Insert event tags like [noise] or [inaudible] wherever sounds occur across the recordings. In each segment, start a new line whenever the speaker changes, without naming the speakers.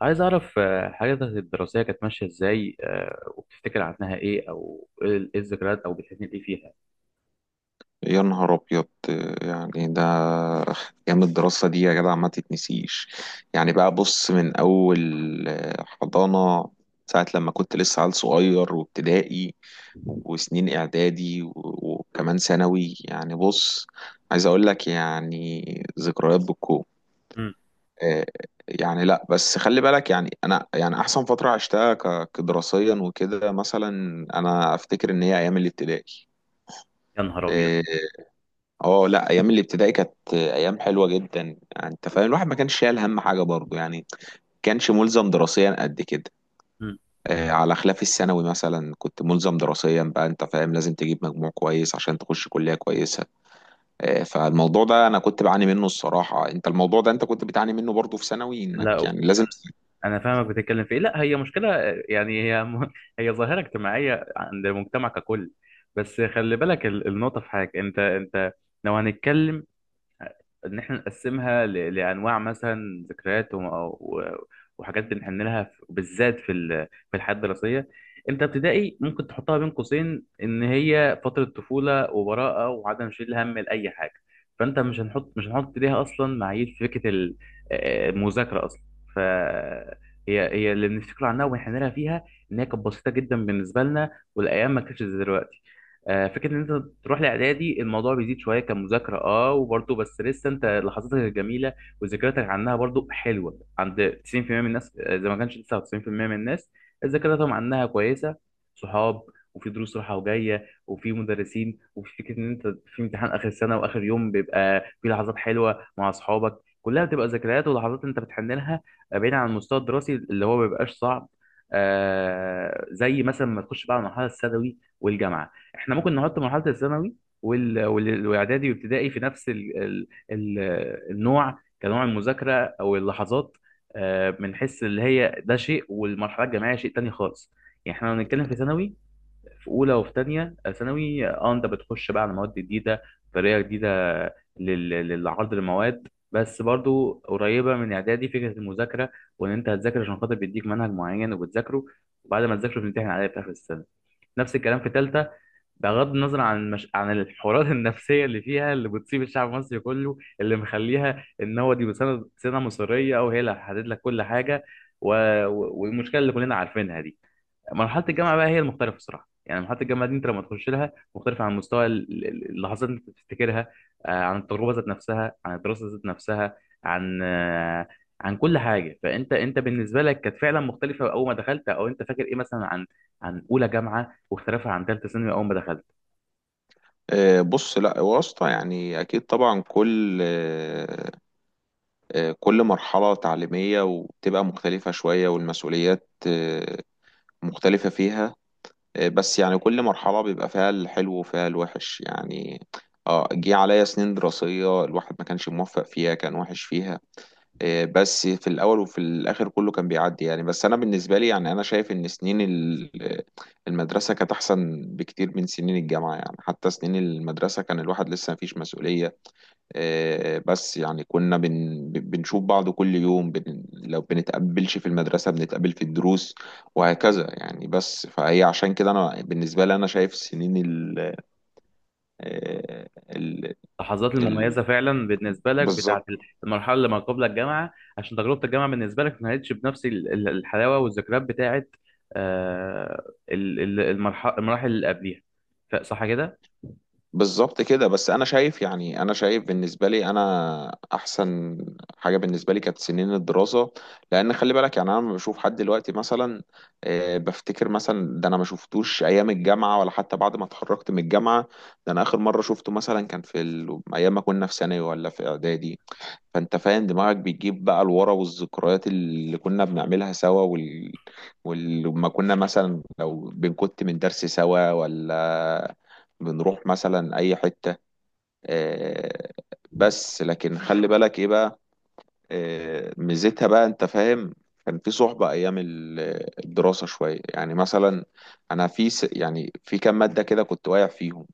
عايز أعرف حياتك الدراسية كانت ماشية إزاي وبتفتكر عنها إيه؟ أو إيه إيه الذكريات أو بتحن إيه فيها؟
يا نهار ابيض. يعني ده ايام الدراسه دي يا جدع ما تتنسيش. يعني بقى بص، من اول حضانه ساعه لما كنت لسه عيل صغير، وابتدائي وسنين اعدادي و- وكمان ثانوي. يعني بص، عايز اقول لك يعني ذكريات بالكوم.
مم.
آه، يعني لا بس خلي بالك، يعني انا يعني احسن فتره عشتها كدراسيا وكده، مثلا انا افتكر ان هي ايام الابتدائي.
يا نهار أبيض.
آه، اه لا، ايام الابتدائي كانت ايام حلوه جدا، يعني انت فاهم الواحد ما كانش شايل هم حاجه برضه، يعني كانش ملزم دراسيا قد كده.
مم.
على خلاف الثانوي مثلا، كنت ملزم دراسيا بقى، انت فاهم لازم تجيب مجموع كويس عشان تخش كليه كويسه. فالموضوع ده انا كنت بعاني منه الصراحه، انت الموضوع ده انت كنت بتعاني منه برضه في ثانوي، انك
لا أنا،
يعني لازم.
أنا فاهمك بتتكلم في إيه. لا هي مشكلة، يعني هي [laughs] هي ظاهرة اجتماعية عند المجتمع ككل. بس خلي بالك النقطة في حاجة، أنت لو هنتكلم ان احنا نقسمها لانواع، مثلا ذكريات و- وحاجات بنحن لها بالذات في في الحياه الدراسيه. انت ابتدائي ممكن تحطها بين قوسين ان هي فتره طفوله وبراءه وعدم شيل هم لاي حاجه، فانت مش هنحط ليها اصلا معايير في فكره المذاكره اصلا. ف هي اللي بنفتكر عنها ونحن لها فيها، ان هي كانت بسيطه جدا بالنسبه لنا والايام ما كانتش زي دلوقتي. فكره ان انت تروح لاعدادي الموضوع بيزيد شويه كمذاكره، اه وبرضه بس لسه انت لحظاتك الجميله وذكرياتك عنها برضه حلوه عند 90% من الناس، اذا ما كانش 99% من الناس ذاكرتهم عنها كويسه. صحاب، وفي دروس رايحه وجايه، وفي مدرسين، وفي فكره ان انت في امتحان اخر السنه واخر يوم بيبقى في لحظات حلوه مع اصحابك، كلها بتبقى ذكريات ولحظات انت بتحن لها. بعيد عن المستوى الدراسي اللي هو ما بيبقاش صعب، آه زي مثلا ما تخش بقى على المرحله الثانوي والجامعه. احنا ممكن نحط مرحله الثانوي والاعدادي وابتدائي في نفس النوع، كنوع المذاكره او اللحظات. بنحس اللي هي ده شيء والمرحله الجامعيه شيء تاني خالص. يعني احنا لو بنتكلم في ثانوي، في اولى وفي ثانيه ثانوي، اه انت بتخش بقى على مواد جديده، طريقه جديده للعرض المواد، بس برضو قريبه من اعدادي فكره المذاكره، وان انت هتذاكر عشان خاطر بيديك منهج معين وبتذاكره، وبعد ما تذاكره بتمتحن عليه في اخر السنه. نفس الكلام في ثالثه، بغض النظر عن مش... عن الحوارات [laughs] النفسيه اللي فيها، اللي بتصيب الشعب المصري كله، اللي مخليها ان هو دي سنه مصيريه وهي اللي هتحدد لك كل حاجه، و... والمشكله اللي كلنا عارفينها دي. مرحله الجامعه بقى هي المختلفه الصراحه، يعني مرحله الجامعه دي انت لما تخش لها مختلفه عن مستوى اللحظات اللي انت بتفتكرها، عن التجربه ذات نفسها، عن الدراسه ذات نفسها، عن آه، عن كل حاجه. فانت بالنسبه لك كانت فعلا مختلفه اول ما دخلت. او انت فاكر ايه مثلا عن عن اولى جامعه واختلافها عن ثالثه ثانوي اول ما دخلت؟
بص، لا واسطة، يعني أكيد طبعا، كل آه، آه، كل مرحلة تعليمية وبتبقى مختلفة شوية، والمسؤوليات مختلفة فيها. بس يعني كل مرحلة بيبقى فيها الحلو وفيها الوحش، يعني اه جه عليا سنين دراسية الواحد ما كانش موفق فيها، كان وحش فيها. بس في الأول وفي الآخر كله كان بيعدي يعني. بس أنا بالنسبة لي، يعني أنا شايف إن المدرسة كانت أحسن بكتير من سنين الجامعة. يعني حتى سنين المدرسة كان الواحد لسه مفيش مسؤولية. بس يعني كنا بنشوف بعض كل يوم، لو بنتقابلش في المدرسة بنتقابل في الدروس وهكذا يعني. بس فهي عشان كده أنا بالنسبة لي أنا شايف سنين ال آه، ال
اللحظات
ال
المميزه فعلا بالنسبه لك بتاعت
بالظبط.
المرحله اللي ما قبل الجامعه، عشان تجربه الجامعه بالنسبه لك ما كانتش بنفس الحلاوه والذكريات بتاعت آه، المراحل اللي قبليها. صح كده؟
بالظبط كده. بس انا شايف، يعني انا شايف بالنسبه لي انا احسن حاجه بالنسبه لي كانت سنين الدراسه، لان خلي بالك يعني انا لما بشوف حد دلوقتي مثلا، بفتكر مثلا ده انا ما شفتوش ايام الجامعه ولا حتى بعد ما اتخرجت من الجامعه. ده انا اخر مره شفته مثلا كان في ايام ما كنا في ثانوي ولا في اعدادي. فانت فاهم، دماغك بتجيب بقى لورا والذكريات اللي كنا بنعملها سوا، ولما كنا مثلا لو بنكت من درس سوا، ولا بنروح مثلا اي حتة. آه، بس لكن خلي بالك ايه بقى. ميزتها بقى، انت فاهم، كان في صحبة ايام الدراسة شوية، يعني مثلا انا في يعني في كام مادة كده كنت واقع فيهم.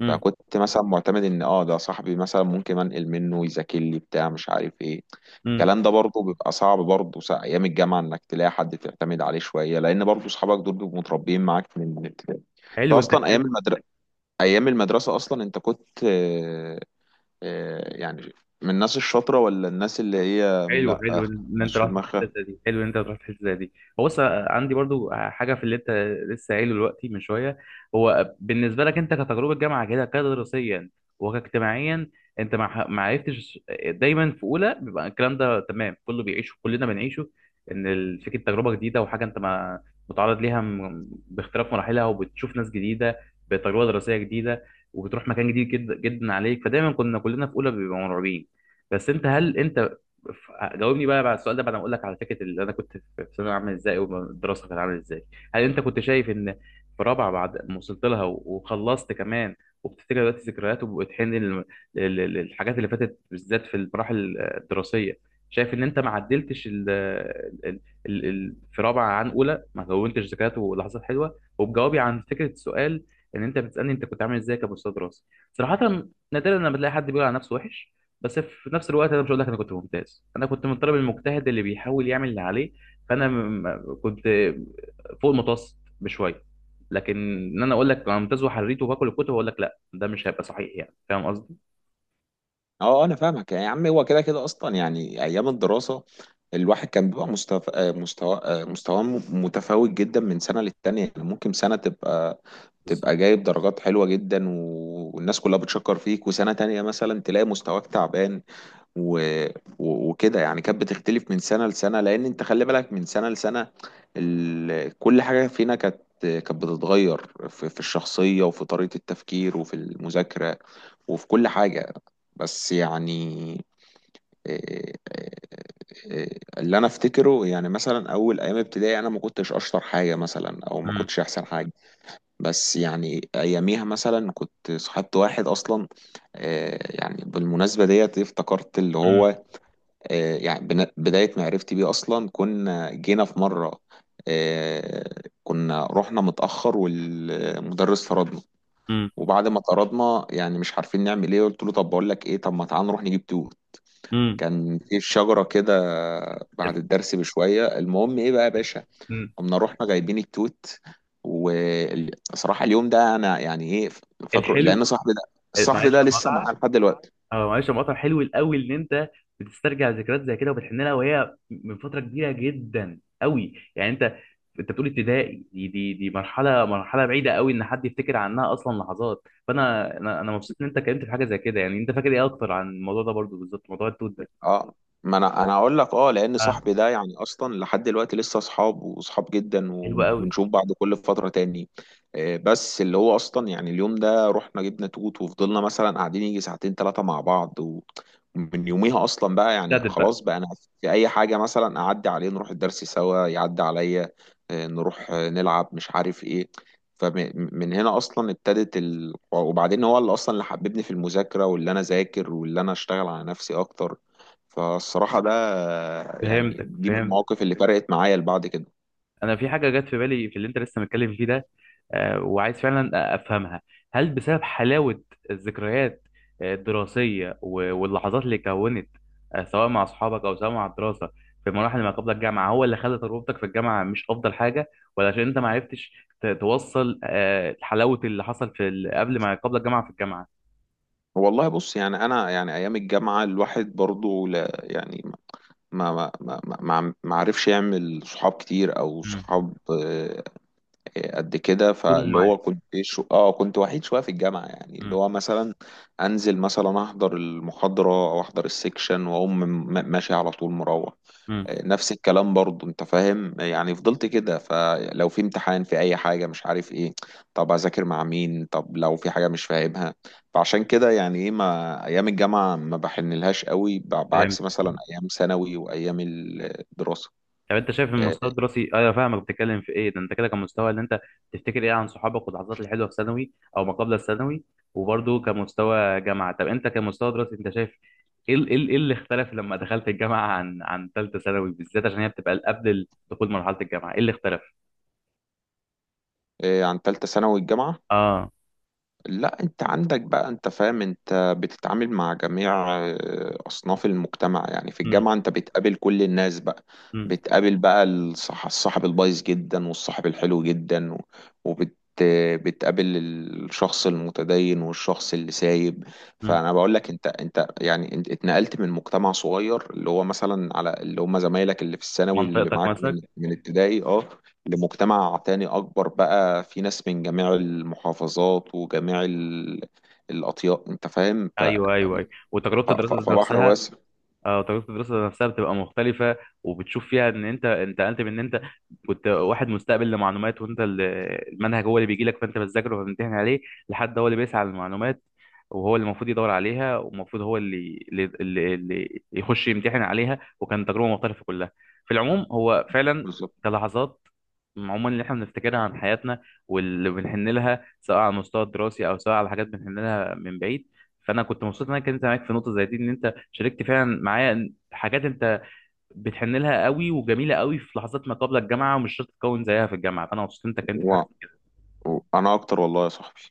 امم.
فكنت مثلا معتمد ان اه ده صاحبي مثلا ممكن انقل منه، يذاكر لي بتاع مش عارف ايه.
امم.
الكلام ده برضه بيبقى صعب برضه، ايام الجامعه انك تلاقي حد تعتمد عليه شويه، لان برضه اصحابك دول بيبقوا متربيين معاك من الابتدائي. انت
حلو انت.
اصلا ايام المدرسه ايام المدرسه اصلا انت كنت، يعني من الناس الشاطره ولا الناس اللي هي
حلو،
لا،
حلو ان انت
مش في
رحت في الحته
دماغها.
زي دي، حلو ان انت رحت في الحته زي دي. هو بص عندي برضو حاجه في اللي انت لسه قايله دلوقتي من شويه. هو بالنسبه لك انت كتجربه جامعه كده كدراسيا وكاجتماعيا، انت ما عرفتش. دايما في اولى بيبقى الكلام ده تمام، كله بيعيشه، كلنا بنعيشه، ان فكره تجربه جديده وحاجه انت ما متعرض ليها، باختلاف مراحلها وبتشوف ناس جديده بتجربه دراسيه جديده، وبتروح مكان جديد جدا جدا عليك، فدايما كنا كلنا في اولى بيبقى مرعوبين. بس انت هل انت، جاوبني بقى بعد السؤال ده، بعد ما اقول لك على فكره اللي انا كنت في في ثانوي عامل ازاي والدراسه كانت عامله ازاي، هل انت كنت شايف ان في رابعه بعد ما وصلت لها وخلصت كمان، وبتفتكر دلوقتي ذكريات وبتحن للحاجات اللي فاتت، بالذات في المراحل الدراسيه، شايف ان انت ما عدلتش ال ال في رابعه عن اولى ما كونتش ذكريات ولحظات حلوه؟ وبجوابي عن فكره السؤال ان انت بتسالني انت كنت عامل ازاي كمستوى دراسي، صراحه نادرا لما بتلاقي حد بيقول على نفسه وحش، بس في نفس الوقت انا مش هقول لك انا كنت ممتاز، انا كنت من الطالب المجتهد اللي بيحاول يعمل اللي عليه، فانا كنت فوق المتوسط بشويه. لكن ان انا اقول لك انا ممتاز وحريت وباكل الكتب، اقول لك لا، ده مش هيبقى صحيح، يعني فاهم قصدي.
اه انا فاهمك يا عم، هو كده كده اصلا يعني ايام الدراسه الواحد كان بيبقى مستوى مستوى آه، مستواه متفاوت جدا من سنه للتانيه. يعني ممكن سنه تبقى
بالظبط.
تبقى جايب درجات حلوه جدا والناس كلها بتشكر فيك، وسنه تانيه مثلا تلاقي مستواك تعبان. و... وكده يعني كانت بتختلف من سنة لسنة، لأن أنت خلي بالك من سنة لسنة كل حاجة فينا كانت كانت بتتغير في الشخصية وفي طريقة التفكير وفي المذاكرة وفي كل حاجة. بس يعني إيه- اللي أنا أفتكره، يعني مثلا أول أيام ابتدائي أنا ما كنتش أشطر حاجة مثلا، أو ما
مم.
كنتش أحسن حاجة. بس يعني أياميها مثلا كنت صاحبت واحد أصلا. يعني بالمناسبة ديت افتكرت اللي
مم.
هو، بداية معرفتي بيه أصلا كنا جينا في مرة. آه، كنا رحنا متأخر والمدرس طردنا.
مم.
وبعد ما طردنا يعني مش عارفين نعمل إيه، قلت له طب بقول لك إيه، طب ما تعال نروح نجيب توت. كان في شجرة كده بعد الدرس بشوية. المهم إيه بقى يا باشا،
مم.
قمنا رحنا جايبين التوت. وصراحة اليوم ده أنا يعني إيه فاكره، لأن
الحلو.
صاحبي ده صاحبي
معلش
ده
يا
لسه
مقطع،
معاه لحد دلوقتي.
اه معلش، مقطع حلو قوي ان انت بتسترجع ذكريات زي كده وبتحن لها، وهي من فتره كبيره جدا قوي. يعني انت، انت بتقول ابتدائي، دي مرحله، بعيده قوي ان حد يفتكر عنها اصلا لحظات، فانا انا مبسوط ان انت اتكلمت في حاجه زي كده. يعني انت فاكر ايه اكتر عن الموضوع ده؟ برضو بالظبط موضوع التوت ده.
اه، ما انا اقول لك اه، لان
اه،
صاحبي ده يعني اصلا لحد دلوقتي لسه اصحاب واصحاب جدا،
حلو قوي.
وبنشوف بعض كل فتره تاني. بس اللي هو اصلا، يعني اليوم ده رحنا جبنا توت وفضلنا مثلا قاعدين يجي ساعتين ثلاثه مع بعض، ومن يوميها اصلا بقى يعني
ابتدت بقى.
خلاص بقى انا في اي حاجه مثلا اعدي عليه نروح الدرس سوا، يعدي عليا. نروح نلعب مش عارف ايه. فمن هنا اصلا ابتدت وبعدين هو اللي اصلا اللي حببني في المذاكره، واللي انا ذاكر واللي انا اشتغل على نفسي اكتر. فالصراحة ده يعني
فهمتك،
دي من
فهمت.
المواقف اللي فرقت معايا لبعد كده.
انا في حاجه جت في بالي في اللي انت لسه متكلم فيه ده، وعايز فعلا افهمها. هل بسبب حلاوه الذكريات الدراسيه واللحظات اللي كونت، سواء مع اصحابك او سواء مع الدراسه في مراحل ما قبل الجامعه، هو اللي خلى تجربتك في الجامعه مش افضل حاجه؟ ولا عشان انت ما عرفتش توصل حلاوه اللي حصل في قبل ما قبل الجامعه في الجامعه؟
والله بص، يعني أنا يعني أيام الجامعة الواحد برضو لا يعني ما عرفش يعمل صحاب كتير أو
امم.
صحاب قد كده.
تموا
فاللي هو
معاك.
كنت شو اه كنت وحيد شوية في الجامعة، يعني اللي هو مثلا أنزل مثلا أحضر المحاضرة أو أحضر السكشن وأقوم ماشي على طول مروح. نفس الكلام برضو انت فاهم، يعني فضلت كده. فلو في امتحان في اي حاجة مش عارف ايه، طب اذاكر مع مين، طب لو في حاجة مش فاهمها. فعشان كده يعني ايه، ما ايام الجامعة ما بحنلهاش قوي،
امم.
بعكس مثلا ايام ثانوي وايام الدراسة.
طب انت شايف من المستوى الدراسي، ايوه فاهمك بتتكلم في ايه ده، انت كده كمستوى، اللي انت تفتكر ايه عن صحابك واللحظات الحلوه في ثانوي او ما قبل الثانوي وبرده كمستوى جامعه. طب انت كمستوى دراسي انت شايف ايه ايه اللي اختلف لما دخلت الجامعه عن عن ثالثه ثانوي، بالذات عشان هي بتبقى قبل دخول مرحله الجامعه، ايه اللي اختلف؟
إيه عن تالتة ثانوي الجامعة؟
اه.
لا، انت عندك بقى انت فاهم، انت بتتعامل مع جميع اصناف المجتمع. يعني في
امم.
الجامعة انت بتقابل كل الناس بقى، بتقابل بقى الصاحب البايظ جدا والصاحب الحلو جدا، و- وبت آه، بتقابل الشخص المتدين والشخص اللي سايب.
امم.
فانا بقول لك انت يعني انت اتنقلت من مجتمع صغير، اللي هو مثلا على اللي هم زمايلك اللي في الثانوي اللي
منطقتك
معاك
مثلا.
من ابتدائي اه، لمجتمع تاني أكبر، بقى في ناس من جميع المحافظات وجميع الأطياف. أنت فاهم،
ايوه ايوه ايوه، وتجربه الدراسه ذات
فبحر
نفسها.
واسع.
اه، تجربة الدراسة نفسها بتبقى مختلفة، وبتشوف فيها ان انت من ان انت كنت واحد مستقبل لمعلومات، وانت المنهج هو اللي بيجي لك فانت بتذاكره وبتمتحن عليه، لحد هو اللي بيسعى للمعلومات وهو اللي المفروض يدور عليها، والمفروض هو اللي يخش يمتحن عليها، وكان تجربة مختلفة كلها في العموم، هو فعلا
بالظبط.
كلحظات عموما اللي احنا بنفتكرها عن حياتنا واللي بنحن لها، سواء على المستوى الدراسي او سواء على حاجات بنحن لها من بعيد. فانا كنت مبسوط ان انا كنت معاك في نقطة زي دي، ان انت شاركت فعلا معايا حاجات انت بتحن لها قوي وجميله قوي في لحظات ما قبل الجامعه، ومش شرط تكون زيها في الجامعه، فانا مبسوط انت اتكلمت في
و...
حاجه.
أنا أكتر والله يا صاحبي.